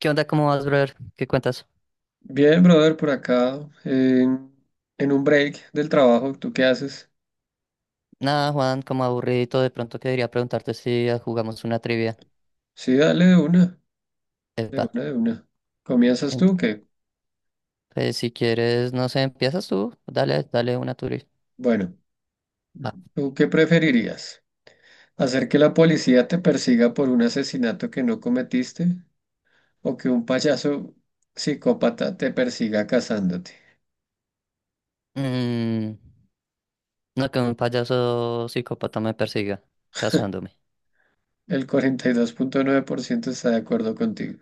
¿Qué onda? ¿Cómo vas, brother? ¿Qué cuentas? Bien, brother, por acá, en un break del trabajo, ¿tú qué haces? Nada, Juan, como aburridito, de pronto quería preguntarte si jugamos una trivia. Sí, dale de una, de Epa, una, de una. ¿Comienzas ent- tú? ¿Qué? pues, si quieres, no sé, empiezas tú, dale, dale una tuya. Bueno, Va. ¿tú qué preferirías? ¿Hacer que la policía te persiga por un asesinato que no cometiste o que un payaso psicópata te persiga cazándote? Mm, no, que un payaso psicópata me persiga, casándome. El 42.9% está de acuerdo contigo.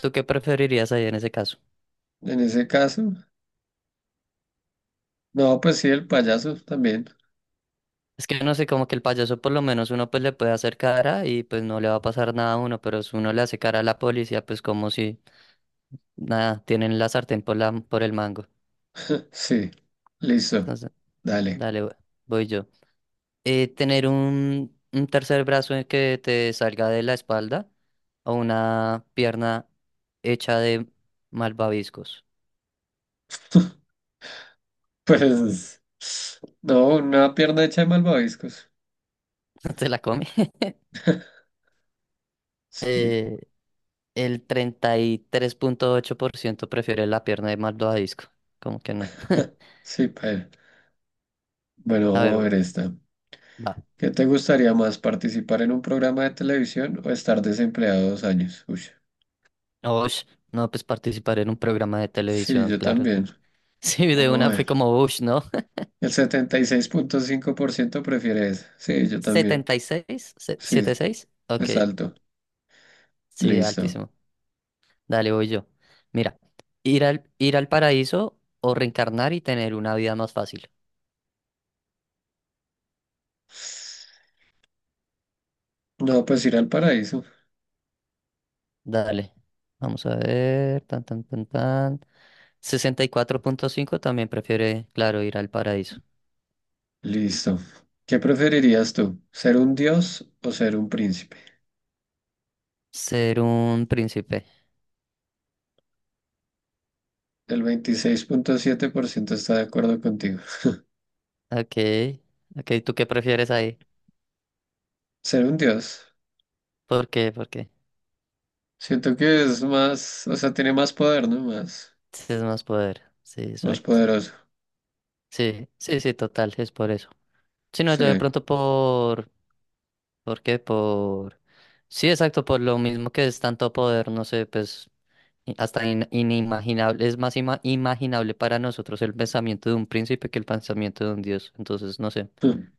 ¿Tú qué preferirías ahí en ese caso? En ese caso, no, pues sí, el payaso también. Es que no sé, como que el payaso por lo menos uno pues le puede hacer cara y pues no le va a pasar nada a uno, pero si uno le hace cara a la policía, pues como si nada, tienen la sartén por la, por el mango. Sí, listo. Entonces, Dale. dale, voy yo. Tener un tercer brazo en que te salga de la espalda o una pierna hecha de malvaviscos. Pues no, una pierna hecha de malvaviscos. ¿No? ¿Te la come? Sí, Eh, el 33,8% prefiere la pierna de malvavisco. ¿Como que no? sí, paila. Bueno, A vamos a ver, ver esta. va. ¿Qué te gustaría más, participar en un programa de televisión o estar desempleado 2 años? Uy, Ush, no, pues participar en un programa de sí, televisión, yo claro. también. Sí, de Vamos una a fue ver. como Ush, ¿no? El 76.5% prefiere eso. Sí, yo también. 76, Sí, seis, ok, es alto. sí, Listo. altísimo. Dale, voy yo. Mira, ir al paraíso o reencarnar y tener una vida más fácil. No, pues ir al paraíso. Dale. Vamos a ver. Tan, tan, tan, tan. 64,5 también prefiere, claro, ir al paraíso. Listo. ¿Qué preferirías tú? ¿Ser un dios o ser un príncipe? Ser un príncipe. El 26.7% está de acuerdo contigo. Ok. Ok, ¿tú qué prefieres ahí? Ser un dios. ¿Por qué? ¿Por qué? Siento que es más, o sea, tiene más poder, ¿no? Más, Sí, es más poder. Sí, más exacto. poderoso. Sí, sí, sí, total, es por eso. Si no, yo de Sí. pronto por... ¿Por qué? Por... Sí, exacto, por lo mismo que es tanto poder, no sé, pues hasta inimaginable, es más imaginable para nosotros el pensamiento de un príncipe que el pensamiento de un dios. Entonces, no sé, Mm.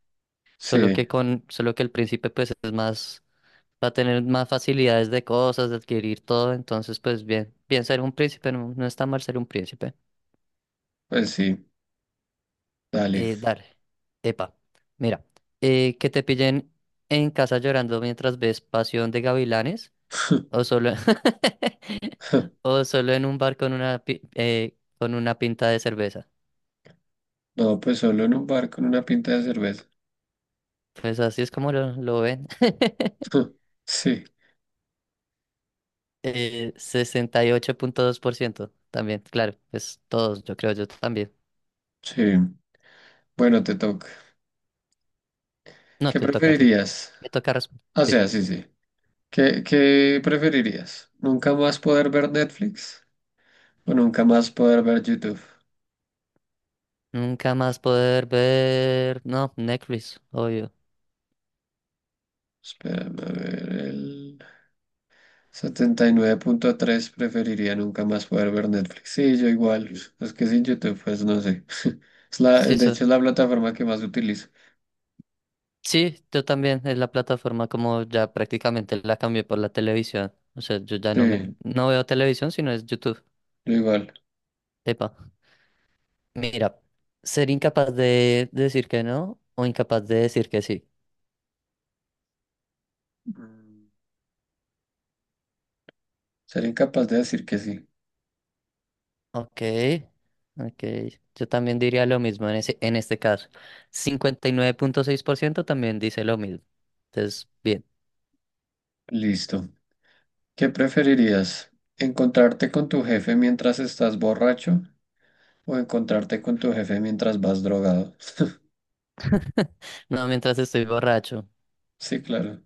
Sí, solo que el príncipe pues es más, va a tener más facilidades de cosas, de adquirir todo, entonces pues bien, bien ser un príncipe, no, no está mal ser un príncipe. pues sí, dale. Dale, epa, mira, que te pillen en casa llorando mientras ves Pasión de Gavilanes. O solo, o solo en un bar con una, con una pinta de cerveza. No, pues solo en un bar con una pinta de cerveza. Pues así es como lo ven. Sí, 68,2% también, claro, pues todos, yo creo, yo también. sí. Bueno, te toca. No, ¿Qué te toca a ti. preferirías? Me toca responder. O Sí. sea, sí, sí. ¿Qué preferirías? ¿Nunca más poder ver Netflix o nunca más poder ver YouTube? Nunca más poder ver. No, Netflix, obvio. Espérame a ver el 79.3 preferiría nunca más poder ver Netflix. Sí, yo igual. Es que sin YouTube, pues no sé. Es la, Sí, de hecho, es la plataforma que más utilizo. sí, yo también. Es la plataforma como ya prácticamente la cambié por la televisión. O sea, yo ya Sí, no veo televisión, sino es YouTube. yo igual. Epa. Mira, ser incapaz de decir que no o incapaz de decir que sí. Mm, ser incapaz de decir que sí. Ok, ok. Yo también diría lo mismo en en este caso. 59,6% también dice lo mismo. Entonces, bien. Listo. ¿Qué preferirías? ¿Encontrarte con tu jefe mientras estás borracho o encontrarte con tu jefe mientras vas drogado? No, mientras estoy borracho. Sí, claro.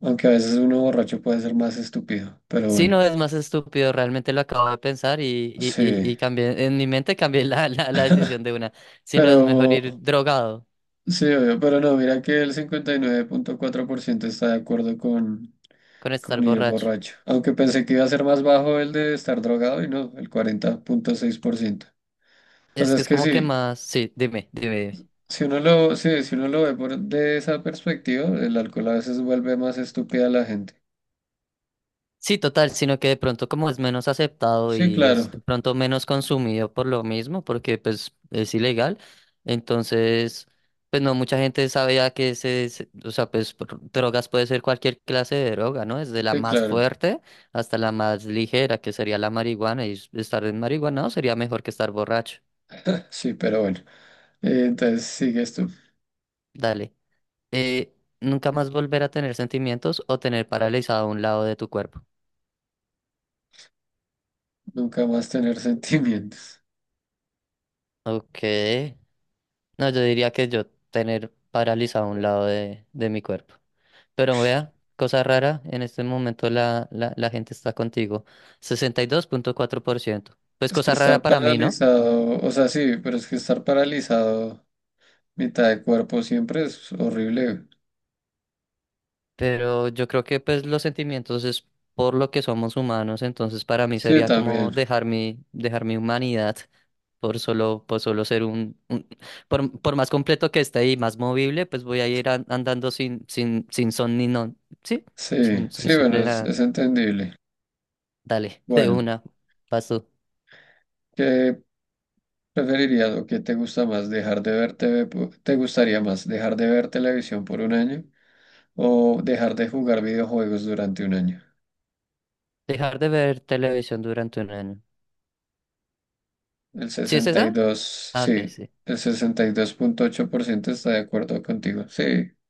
Aunque a veces uno borracho puede ser más estúpido, pero Sí, bueno. no, es más estúpido, realmente lo acabo de pensar y, y, Sí, y, y cambié, en mi mente cambié la decisión de una. Si no, es mejor pero ir drogado sí, obvio, pero no, mira que el 59.4% está de acuerdo con, con con estar ir borracho. borracho. Aunque pensé que iba a ser más bajo el de estar drogado y no, el 40.6%. O Es sea, que es es que como que sí, más, sí, dime, dime. si uno lo, sí, si uno lo ve por, de esa perspectiva, el alcohol a veces vuelve más estúpida a la gente. Sí, total, sino que de pronto como es menos aceptado Sí, y es claro, de pronto menos consumido por lo mismo, porque pues es ilegal, entonces pues no mucha gente sabía que o sea, pues drogas puede ser cualquier clase de droga, ¿no? Desde la sí, más claro. fuerte hasta la más ligera, que sería la marihuana, y estar en marihuana sería mejor que estar borracho. Sí, pero bueno. Entonces sigue esto, Dale. Eh, Nunca más volver a tener sentimientos o tener paralizado un lado de tu cuerpo. nunca más tener sentimientos. Ok. No, yo diría que yo tener paralizado un lado de mi cuerpo. Pero vea, cosa rara, en este momento la gente está contigo. 62,4%. Pues Es que cosa rara estar para mí, ¿no? paralizado, o sea, sí, pero es que estar paralizado. Mitad de cuerpo siempre es horrible. Pero yo creo que pues los sentimientos es por lo que somos humanos, entonces para mí Sí, sería como también. dejar mi humanidad por solo ser un, por más completo que esté y más movible, pues voy a ir andando sin, sin son ni no, sí, Sí, sin sí, son bueno, de es, nada. es entendible. Dale, de Bueno, una. Paso. ¿qué preferirías o qué te gusta más? ¿Dejar de ver TV? ¿Te gustaría más dejar de ver televisión por un año o dejar de jugar videojuegos durante un año? Dejar de ver televisión durante un año. El ¿Sí es sesenta y esa? dos Ah, ok, sí, sí. el 62.8% está de acuerdo contigo. Sí,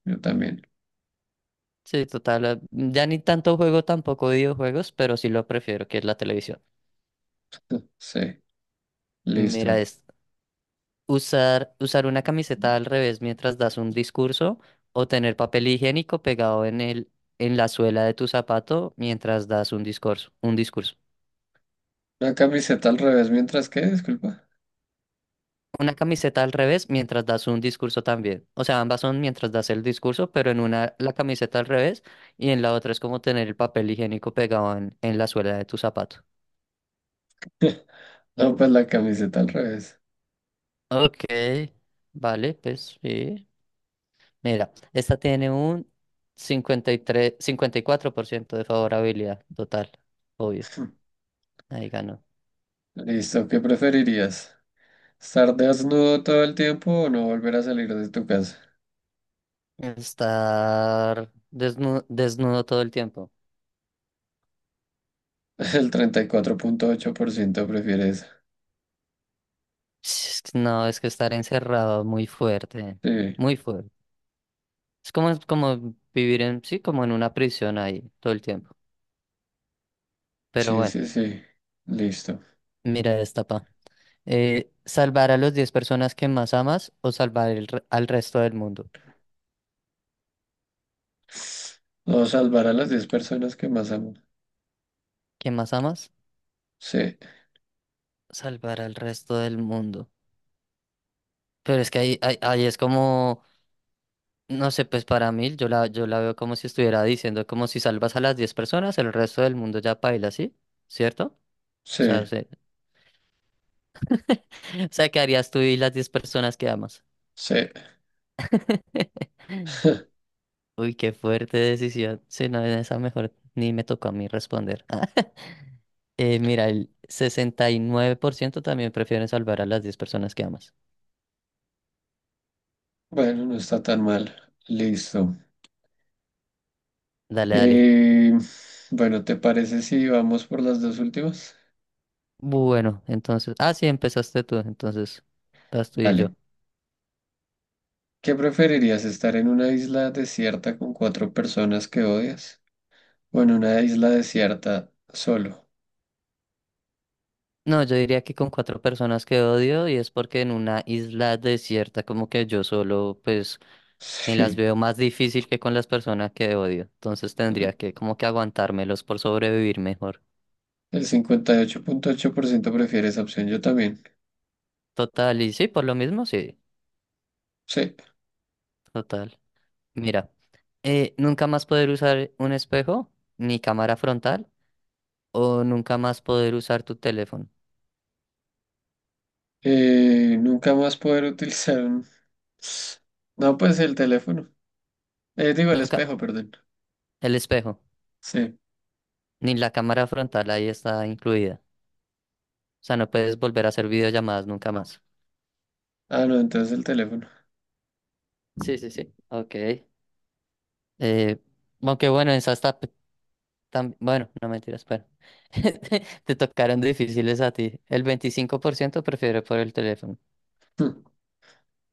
yo también. Sí, total. Ya ni tanto juego tampoco videojuegos, pero sí lo prefiero, que es la televisión. Sí, listo. Mira, es usar una camiseta al revés mientras das un discurso o tener papel higiénico pegado en en la suela de tu zapato mientras das un discurso. La camiseta al revés, mientras que, disculpa. Una camiseta al revés mientras das un discurso también. O sea, ambas son mientras das el discurso, pero en una la camiseta al revés y en la otra es como tener el papel higiénico pegado en la suela de tu zapato. No, pues la camiseta al revés. Ok, vale, pues sí. Mira, esta tiene un 54% de favorabilidad total, obvio. Ahí ganó. Listo, ¿qué preferirías? ¿Estar desnudo todo el tiempo o no volver a salir de tu casa? Estar desnudo, todo el tiempo. El 34.8% prefiere eso. Es que No, es que estar encerrado muy fuerte, Sí, muy fuerte. Es como vivir en, sí, como en una prisión ahí todo el tiempo. Pero sí, bueno, sí, sí. Listo. mira esta, pa. ¿Salvar a las 10 personas que más amas o salvar al resto del mundo? No, salvar a las 10 personas que más amo. ¿Que más amas? Sí, Salvar al resto del mundo. Pero es que ahí es como, no sé, pues para mí yo la veo como si estuviera diciendo como si salvas a las 10 personas, el resto del mundo ya paila, ¿sí? ¿Cierto? O sí, sea, se- o sea, ¿qué harías tú y las 10 personas que amas? sí. Uy, qué fuerte decisión. Si no, en esa mejor ni me tocó a mí responder. Mira, el 69% también prefieren salvar a las 10 personas que amas. Bueno, no está tan mal. Listo. Dale, dale. Eh, bueno, ¿te parece si vamos por las dos últimas? Bueno, entonces. Ah, sí, empezaste tú. Entonces, vas tú y yo. Dale. ¿Qué preferirías, estar en una isla desierta con cuatro personas que odias? Bueno, una isla desierta solo. No, yo diría que con cuatro personas que odio y es porque en una isla desierta, como que yo solo, pues, me las Sí. veo más difícil que con las personas que odio. Entonces tendría que, como que aguantármelos por sobrevivir mejor. El cincuenta y ocho punto ocho por ciento prefiere esa opción. Yo también. Total, y sí, por lo mismo, sí. Sí. Total. Mira, nunca más poder usar un espejo ni cámara frontal o nunca más poder usar tu teléfono. Nunca más poder utilizar un. No, pues el teléfono. Digo, el Nunca, espejo, perdón. el espejo Sí. ni la cámara frontal ahí está incluida. O sea, no puedes volver a hacer videollamadas nunca más. Ah, no, entonces el teléfono. Sí, sí, sí. Ok. Eh, Aunque bueno, esa está... Bueno, no mentiras, pero te tocaron difíciles a ti. El 25% prefiere por el teléfono. Hmm,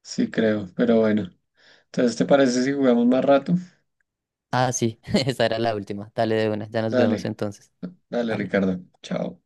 sí, creo, pero bueno. Entonces, ¿te parece si jugamos más rato? Ah, sí, esa era la última. Dale de una, ya nos vemos Dale, entonces. dale, Dale. Ricardo. Chao.